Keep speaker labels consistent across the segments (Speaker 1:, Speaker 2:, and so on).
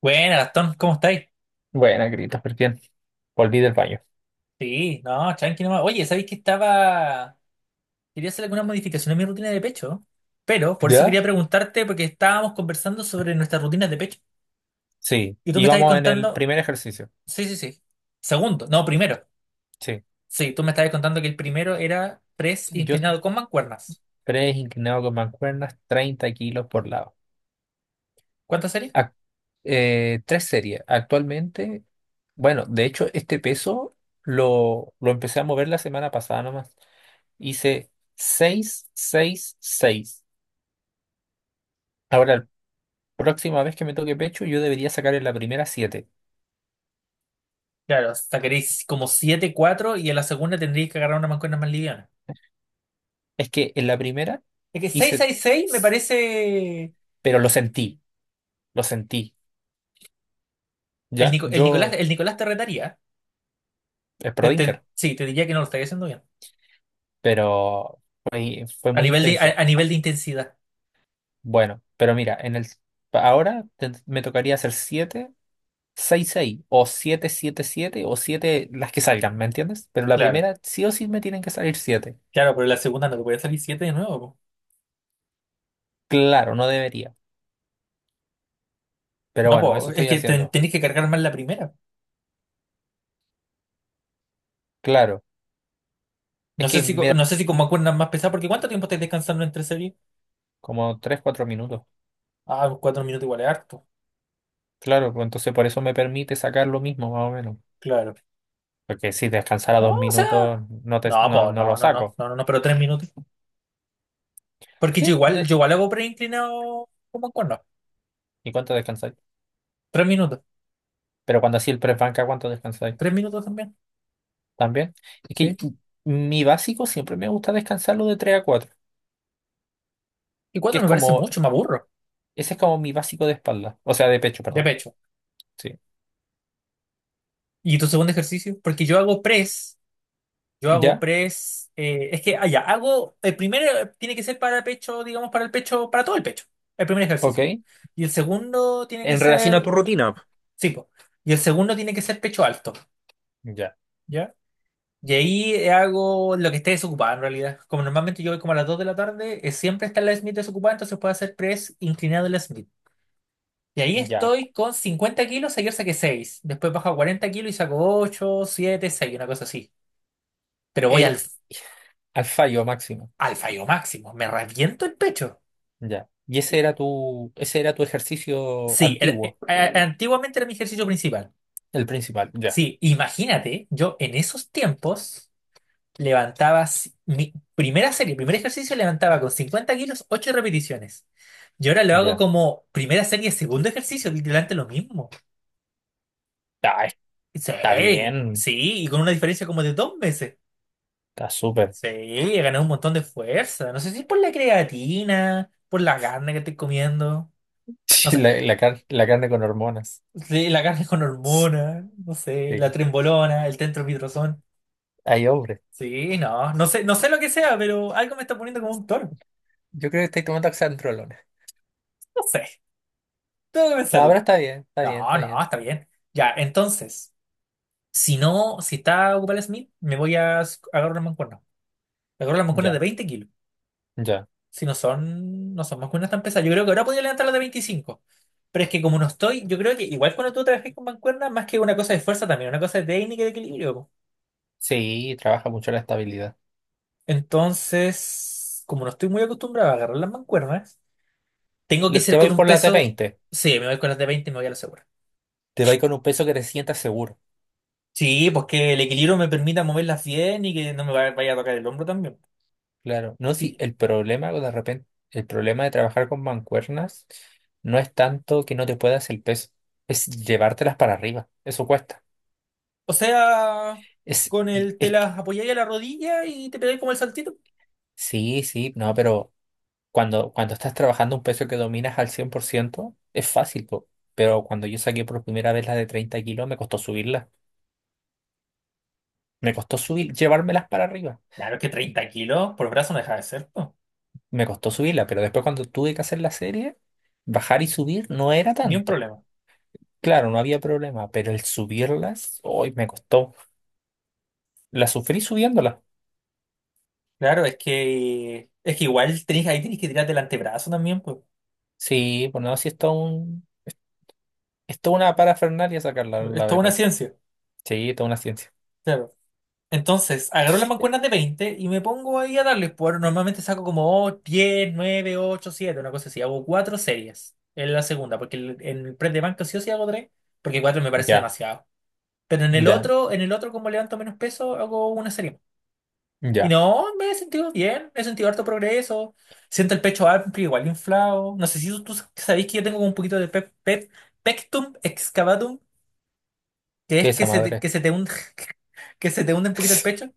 Speaker 1: Bueno, Gastón, ¿cómo estáis?
Speaker 2: Buena, Christopher, bien. Volví del baño.
Speaker 1: Sí, no, tranqui nomás. Oye, ¿sabéis que estaba? Quería hacer alguna modificación a mi rutina de pecho, pero por eso
Speaker 2: ¿Ya?
Speaker 1: quería preguntarte, porque estábamos conversando sobre nuestras rutinas de pecho.
Speaker 2: Sí,
Speaker 1: Y tú me estabas
Speaker 2: íbamos en el
Speaker 1: contando.
Speaker 2: primer ejercicio.
Speaker 1: Sí, sí, sí. Segundo, no, primero.
Speaker 2: Sí,
Speaker 1: Sí, tú me estabas contando que el primero era press
Speaker 2: yo
Speaker 1: inclinado con mancuernas.
Speaker 2: tres inclinado con mancuernas, 30 kilos por lado.
Speaker 1: ¿Cuántas sería?
Speaker 2: Ac- tres series. Actualmente, bueno, de hecho, este peso lo empecé a mover la semana pasada nomás. Hice 6, 6, 6. Ahora, la próxima vez que me toque pecho, yo debería sacar en la primera 7.
Speaker 1: Claro, sacaréis como 7 4 y en la segunda tendríais que agarrar una mancuerna más liviana.
Speaker 2: Es que en la primera
Speaker 1: Es que seis
Speaker 2: hice,
Speaker 1: seis seis me parece.
Speaker 2: pero lo sentí, lo sentí.
Speaker 1: El,
Speaker 2: Ya,
Speaker 1: Nico- el Nicolás,
Speaker 2: yo
Speaker 1: el Nicolás te retaría.
Speaker 2: es pro Dinker,
Speaker 1: Sí, te diría que no lo estaría haciendo bien.
Speaker 2: pero fue
Speaker 1: A
Speaker 2: muy
Speaker 1: nivel de, a,
Speaker 2: intenso.
Speaker 1: a nivel de intensidad.
Speaker 2: Bueno, pero mira, en el ahora me tocaría hacer 7 6 6 o 7 7 7 o 7 las que salgan, ¿me entiendes? Pero la
Speaker 1: Claro,
Speaker 2: primera sí o sí me tienen que salir siete.
Speaker 1: claro, pero la segunda no te puede salir 7 de nuevo, po.
Speaker 2: Claro, no debería, pero
Speaker 1: No,
Speaker 2: bueno,
Speaker 1: po,
Speaker 2: eso
Speaker 1: es
Speaker 2: estoy
Speaker 1: que ten-
Speaker 2: haciendo.
Speaker 1: tenés que cargar más la primera.
Speaker 2: Claro, es
Speaker 1: No sé
Speaker 2: que
Speaker 1: si, co-
Speaker 2: me da
Speaker 1: no sé si como acuerdas más pesado, porque ¿cuánto tiempo estás descansando entre series?
Speaker 2: como 3 4 minutos.
Speaker 1: Ah, 4 minutos igual es harto.
Speaker 2: Claro, pues entonces por eso me permite sacar lo mismo, más o menos.
Speaker 1: Claro.
Speaker 2: Porque si descansara
Speaker 1: No,
Speaker 2: dos
Speaker 1: o sea.
Speaker 2: minutos, no, te,
Speaker 1: No,
Speaker 2: no,
Speaker 1: po,
Speaker 2: no
Speaker 1: no,
Speaker 2: lo
Speaker 1: no, no,
Speaker 2: saco.
Speaker 1: no, no, no, pero tres minutos. Porque yo
Speaker 2: Sí,
Speaker 1: igual,
Speaker 2: de-
Speaker 1: yo igual hago preinclinado como cuerno.
Speaker 2: ¿Y cuánto descansas?
Speaker 1: 3 minutos.
Speaker 2: Pero cuando así el press banca, ¿cuánto descansáis?
Speaker 1: 3 minutos también.
Speaker 2: También. Es
Speaker 1: Sí.
Speaker 2: que mi básico siempre me gusta descansarlo de 3 a cuatro,
Speaker 1: Y
Speaker 2: que
Speaker 1: cuatro
Speaker 2: es
Speaker 1: me parece
Speaker 2: como,
Speaker 1: mucho, me aburro.
Speaker 2: ese es como mi básico de espalda, o sea, de pecho,
Speaker 1: De
Speaker 2: perdón.
Speaker 1: pecho.
Speaker 2: Sí.
Speaker 1: ¿Y tu segundo ejercicio? Porque yo hago press. Yo hago
Speaker 2: ¿Ya?
Speaker 1: press, es que, ah, ya, el primero tiene que ser para pecho, digamos, para el pecho, para todo el pecho, el primer ejercicio.
Speaker 2: Ok.
Speaker 1: Y el segundo tiene
Speaker 2: En
Speaker 1: que
Speaker 2: relación a tu
Speaker 1: ser,
Speaker 2: rutina.
Speaker 1: sí, po, y el segundo tiene que ser pecho alto,
Speaker 2: Ya,
Speaker 1: ¿ya? Y ahí hago lo que esté desocupado en realidad. Como normalmente yo voy como a las 2 de la tarde, siempre está la Smith desocupada, entonces puedo hacer press inclinado en la Smith. Y ahí
Speaker 2: ya.
Speaker 1: estoy con 50 kilos, ayer saqué 6 después bajo a 40 kilos y saco 8, 7, 6, una cosa así. Pero voy al,
Speaker 2: Eh, al fallo máximo.
Speaker 1: al fallo máximo, me reviento el pecho.
Speaker 2: Ya. Y ese era tu ejercicio
Speaker 1: Sí,
Speaker 2: antiguo,
Speaker 1: antiguamente era mi ejercicio principal.
Speaker 2: el principal. Ya,
Speaker 1: Sí, imagínate, yo en esos tiempos mi primera serie, primer ejercicio levantaba con 50 kilos, 8 repeticiones. Y ahora lo hago
Speaker 2: ya.
Speaker 1: como primera serie, segundo ejercicio, literalmente lo mismo.
Speaker 2: Ah, está
Speaker 1: Sí,
Speaker 2: bien.
Speaker 1: sí, y con una diferencia como de 2 meses.
Speaker 2: Está súper.
Speaker 1: Sí, he ganado un montón de fuerza. No sé si es por la creatina, por la carne que estoy comiendo, no sé.
Speaker 2: La carne con hormonas.
Speaker 1: Sí, la carne con
Speaker 2: Sí.
Speaker 1: hormonas, no sé, la trembolona, el tentropidrazón.
Speaker 2: Ay, hombre.
Speaker 1: Sí, no, no sé lo que sea, pero algo me está poniendo como un toro.
Speaker 2: Yo creo que estoy tomando oxandrolona.
Speaker 1: No sé, tengo que
Speaker 2: No, pero
Speaker 1: pensarlo.
Speaker 2: está bien, está bien,
Speaker 1: No,
Speaker 2: está
Speaker 1: no,
Speaker 2: bien.
Speaker 1: está bien. Ya, entonces, si no, si está ocupado el Smith, me voy a agarrar una mancuerna. Me agarro las mancuernas de
Speaker 2: Ya,
Speaker 1: 20 kilos.
Speaker 2: ya.
Speaker 1: Si no son mancuernas tan pesadas. Yo creo que ahora podría levantar las de 25. Pero es que como no estoy, yo creo que igual cuando tú trabajas con mancuernas, más que una cosa de fuerza también, una cosa de técnica y de equilibrio, po.
Speaker 2: Sí, trabaja mucho la estabilidad.
Speaker 1: Entonces, como no estoy muy acostumbrado a agarrar las mancuernas, tengo que
Speaker 2: Te
Speaker 1: ser
Speaker 2: va a
Speaker 1: con
Speaker 2: ir
Speaker 1: un
Speaker 2: por la t
Speaker 1: peso.
Speaker 2: veinte.
Speaker 1: Sí, me voy con las de 20 y me voy a la segura.
Speaker 2: Te va con un peso que te sientas seguro.
Speaker 1: Sí, pues que el equilibrio me permita moverlas bien y que no me vaya a tocar el hombro también.
Speaker 2: Claro. No, si
Speaker 1: Sí,
Speaker 2: el problema de repente, el problema de trabajar con mancuernas no es tanto que no te puedas el peso, es llevártelas para arriba. Eso cuesta.
Speaker 1: o sea,
Speaker 2: Es,
Speaker 1: con el te
Speaker 2: es que-
Speaker 1: las apoyáis a la rodilla y te pegáis como el saltito.
Speaker 2: sí, sí, no, pero cuando estás trabajando un peso que dominas al 100 por ciento es fácil, po. Pero cuando yo saqué por primera vez la de 30 kilos, me costó subirla. Me costó subir, llevármelas para arriba.
Speaker 1: Claro, es que 30 kilos por brazo no deja de ser, pues.
Speaker 2: Me costó subirlas, pero después cuando tuve que hacer la serie, bajar y subir no era
Speaker 1: Ni un
Speaker 2: tanto.
Speaker 1: problema.
Speaker 2: Claro, no había problema, pero el subirlas, hoy me costó. La sufrí subiéndolas.
Speaker 1: Claro, es que igual tenés, ahí tenés que tirarte el antebrazo también, pues.
Speaker 2: Sí, bueno, así es todo un, es toda una parafernalia sacarla,
Speaker 1: Es
Speaker 2: la
Speaker 1: toda una
Speaker 2: verdad.
Speaker 1: ciencia.
Speaker 2: Sí, toda una ciencia.
Speaker 1: Claro. Entonces, agarro las mancuernas de 20 y me pongo ahí a darle. Normalmente saco como oh, 10, 9, 8, 7, una cosa así. Hago cuatro series en la segunda, porque en el press de banca sí o sí hago tres, porque cuatro me parece
Speaker 2: Ya,
Speaker 1: demasiado. Pero en el
Speaker 2: ya,
Speaker 1: otro, en el otro, como levanto menos peso, hago una serie más. Y
Speaker 2: ya.
Speaker 1: no, me he sentido bien, he sentido harto progreso. Siento el pecho amplio, igual inflado. No sé si tú sabéis que yo tengo como un poquito de pectum excavatum, que
Speaker 2: ¿Qué
Speaker 1: es
Speaker 2: es
Speaker 1: que
Speaker 2: esa
Speaker 1: se te-
Speaker 2: madre?
Speaker 1: que se te hunde, que se te hunde un poquito el pecho.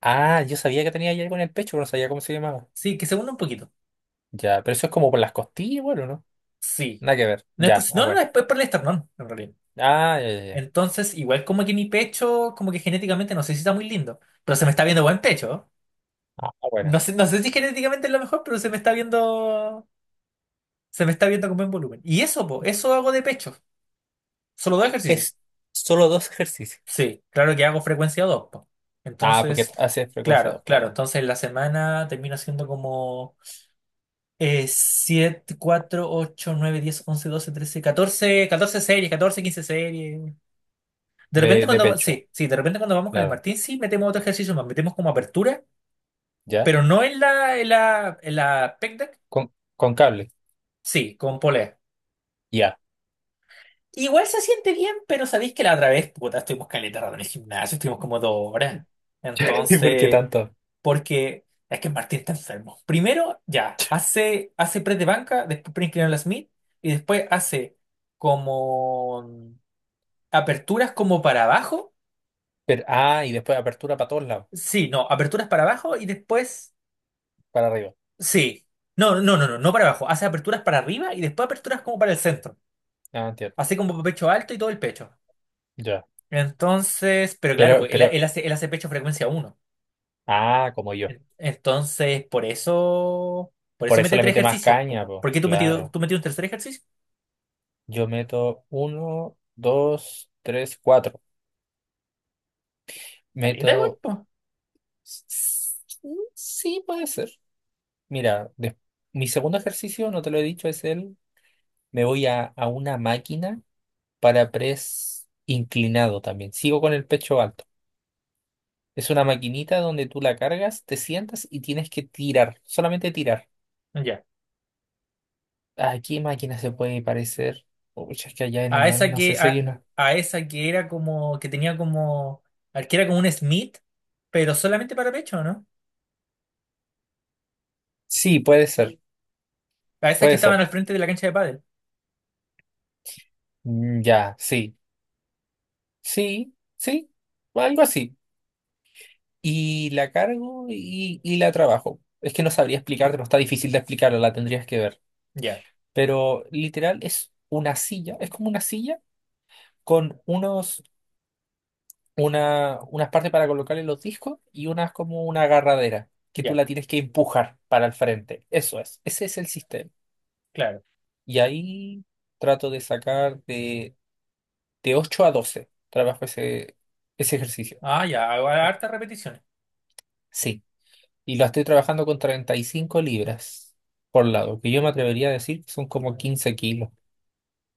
Speaker 2: Ah, yo sabía que tenía ahí algo en el pecho, pero no sabía cómo se llamaba.
Speaker 1: Sí, que se hunde un poquito.
Speaker 2: Ya, pero eso es como por las costillas, bueno, ¿no?
Speaker 1: Sí.
Speaker 2: Nada que ver.
Speaker 1: No es por,
Speaker 2: Ya, ah,
Speaker 1: no, no, no,
Speaker 2: bueno.
Speaker 1: es por el esternón, en realidad.
Speaker 2: Ah, ya, ya, ya.
Speaker 1: Entonces, igual como que mi pecho, como que genéticamente, no sé si está muy lindo, pero se me está viendo buen pecho.
Speaker 2: Ah, bueno.
Speaker 1: No sé si genéticamente es lo mejor, pero se me está viendo con buen volumen. Y eso, po, eso hago de pecho. Solo dos ejercicios.
Speaker 2: Es solo dos ejercicios.
Speaker 1: Sí, claro que hago frecuencia dos, po.
Speaker 2: Ah, porque
Speaker 1: Entonces,
Speaker 2: hace frecuencia
Speaker 1: claro,
Speaker 2: 2,
Speaker 1: claro.
Speaker 2: claro.
Speaker 1: Entonces, la semana termino haciendo como 7, 4, 8, 9, 10, 11, 12, 13, 14 14 series, 14 15 series. De repente
Speaker 2: De
Speaker 1: cuando,
Speaker 2: pecho,
Speaker 1: sí, sí, de repente cuando vamos con el
Speaker 2: claro.
Speaker 1: Martín, sí metemos otro ejercicio más, metemos como apertura,
Speaker 2: ¿Ya?
Speaker 1: pero no en la pec deck,
Speaker 2: Con cable.
Speaker 1: sí, con polea.
Speaker 2: Ya.
Speaker 1: Igual se siente bien, pero sabéis que la otra vez, puta, estuvimos caleta rato en el gimnasio, estuvimos como 2 horas.
Speaker 2: ¿Y por qué
Speaker 1: Entonces,
Speaker 2: tanto?
Speaker 1: porque es que Martín está enfermo. Primero, ya, hace press de banca, después pre inclinado en la Smith, y después hace como aperturas como para abajo.
Speaker 2: Pero, ah, y después apertura para todos lados,
Speaker 1: Sí, no, aperturas para abajo y después.
Speaker 2: para arriba.
Speaker 1: Sí. No, no, no, no, no para abajo. Hace aperturas para arriba y después aperturas como para el centro.
Speaker 2: Ah, entiendo.
Speaker 1: Así como pecho alto y todo el pecho.
Speaker 2: Ya.
Speaker 1: Entonces, pero claro, pues él,
Speaker 2: Pero,
Speaker 1: él hace, él hace pecho frecuencia uno.
Speaker 2: ah, como yo.
Speaker 1: Entonces, por eso, por
Speaker 2: Por
Speaker 1: eso
Speaker 2: eso
Speaker 1: mete
Speaker 2: le
Speaker 1: tres
Speaker 2: mete más
Speaker 1: ejercicios,
Speaker 2: caña,
Speaker 1: po.
Speaker 2: pues.
Speaker 1: ¿Por qué tú metido,
Speaker 2: Claro.
Speaker 1: tú metido un tercer ejercicio?
Speaker 2: Yo meto uno, dos, tres, cuatro.
Speaker 1: Caleta igual,
Speaker 2: Meto.
Speaker 1: po.
Speaker 2: s- Sí, puede ser. Mira, des- mi segundo ejercicio, no te lo he dicho, es el. Me voy a una máquina para press inclinado también. Sigo con el pecho alto. Es una maquinita donde tú la cargas, te sientas y tienes que tirar, solamente tirar.
Speaker 1: Ya.
Speaker 2: ¿A qué máquina se puede parecer? Uy, es que allá en el
Speaker 1: A
Speaker 2: 9
Speaker 1: esa
Speaker 2: no sé
Speaker 1: que,
Speaker 2: si hay
Speaker 1: a,
Speaker 2: una.
Speaker 1: a esa que era como, que tenía como, al que era como un Smith, pero solamente para pecho, ¿no?
Speaker 2: Sí, puede ser,
Speaker 1: A esas que
Speaker 2: puede
Speaker 1: estaban
Speaker 2: ser.
Speaker 1: al frente de la cancha de pádel.
Speaker 2: Mm, ya, sí, sí, sí, o algo así. Y la cargo y la trabajo. Es que no sabría explicarte, no está difícil de explicarla, la tendrías que ver.
Speaker 1: Ya,
Speaker 2: Pero literal es una silla, es como una silla con unos una, unas partes para colocarle los discos y unas como una agarradera que tú
Speaker 1: ya,
Speaker 2: la tienes que empujar para el frente. Eso es, ese es el sistema.
Speaker 1: claro.
Speaker 2: Y ahí trato de de 8 a 12 trabajo ese ejercicio.
Speaker 1: Ah, ya, hago hartas repeticiones.
Speaker 2: Sí, y lo estoy trabajando con 35 libras por lado, que yo me atrevería a decir que son como 15 kilos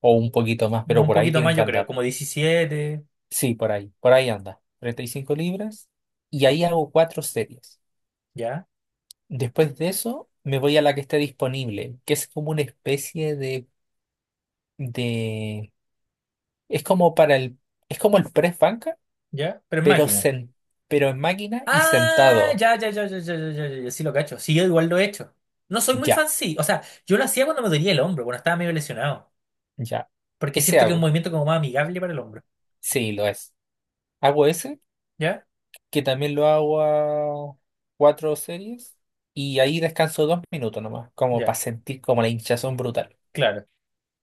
Speaker 2: o un poquito más,
Speaker 1: No,
Speaker 2: pero
Speaker 1: un
Speaker 2: por ahí
Speaker 1: poquito
Speaker 2: tienen
Speaker 1: más,
Speaker 2: que
Speaker 1: yo creo,
Speaker 2: andar.
Speaker 1: como 17.
Speaker 2: Sí, por ahí anda. 35 libras y ahí hago cuatro series.
Speaker 1: Ya,
Speaker 2: Después de eso, me voy a la que esté disponible, que es como una especie de, es como para es como el press banca,
Speaker 1: ya, pero es
Speaker 2: pero
Speaker 1: máquina.
Speaker 2: pero en máquina y
Speaker 1: Ah,
Speaker 2: sentado.
Speaker 1: ya, ya, ya, ya, ya, ya, ya, ya, ya, sí lo cacho. Sí, yo igual lo he hecho. No soy muy
Speaker 2: Ya,
Speaker 1: fan, sí. O sea, yo lo hacía cuando me dolía el hombro, cuando estaba medio lesionado.
Speaker 2: ya.
Speaker 1: Porque
Speaker 2: Ese
Speaker 1: siento que es un
Speaker 2: hago.
Speaker 1: movimiento como más amigable para el hombro.
Speaker 2: Sí, lo es. Hago ese,
Speaker 1: ¿Ya?
Speaker 2: que también lo hago a cuatro series, y ahí descanso dos minutos nomás, como para
Speaker 1: Ya,
Speaker 2: sentir como la hinchazón brutal.
Speaker 1: claro.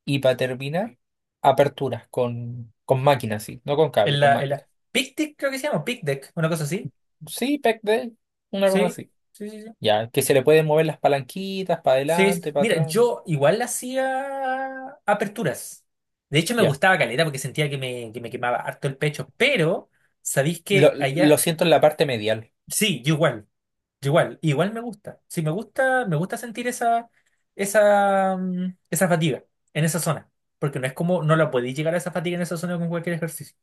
Speaker 2: Y para terminar, aperturas con máquina, sí, no con cable, con máquina.
Speaker 1: Pick deck creo que se llama, pick deck, una cosa así.
Speaker 2: Sí, pec de, una cosa
Speaker 1: Sí,
Speaker 2: así.
Speaker 1: sí, sí, sí.
Speaker 2: Ya, que se le pueden mover las palanquitas para
Speaker 1: Sí,
Speaker 2: adelante, para
Speaker 1: Mira,
Speaker 2: atrás.
Speaker 1: yo igual hacía aperturas. De hecho, me
Speaker 2: Ya.
Speaker 1: gustaba caleta porque sentía que me quemaba harto el pecho, pero. ¿Sabéis que
Speaker 2: Lo
Speaker 1: allá?
Speaker 2: siento en la parte medial.
Speaker 1: Sí, igual me gusta. Sí, me gusta sentir esa fatiga en esa zona. Porque no es como, no la podéis llegar a esa fatiga en esa zona con cualquier ejercicio.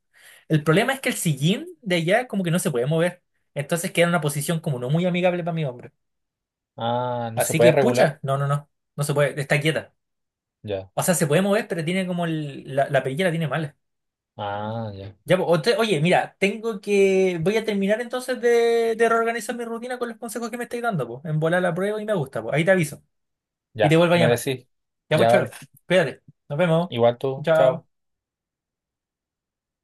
Speaker 1: El problema es que el sillín de allá como que no se puede mover. Entonces queda en una posición como no muy amigable para mi hombro.
Speaker 2: Ah, ¿no se
Speaker 1: Así
Speaker 2: puede
Speaker 1: que, pucha,
Speaker 2: regular?
Speaker 1: no, no, no, no se puede, está quieta.
Speaker 2: Ya.
Speaker 1: O sea, se puede mover, pero tiene como la perilla la tiene mala.
Speaker 2: Ah, ya.
Speaker 1: Ya, po, oye, mira, tengo que. Voy a terminar entonces de reorganizar mi rutina con los consejos que me estáis dando, pues. En volar la prueba y me gusta, pues. Ahí te aviso. Y te
Speaker 2: Ya.
Speaker 1: vuelvo a
Speaker 2: Me
Speaker 1: llamar.
Speaker 2: decís.
Speaker 1: Ya, pues,
Speaker 2: Ya
Speaker 1: choro.
Speaker 2: vale.
Speaker 1: Cuídate. Nos vemos.
Speaker 2: Igual tú.
Speaker 1: Chao.
Speaker 2: Chao.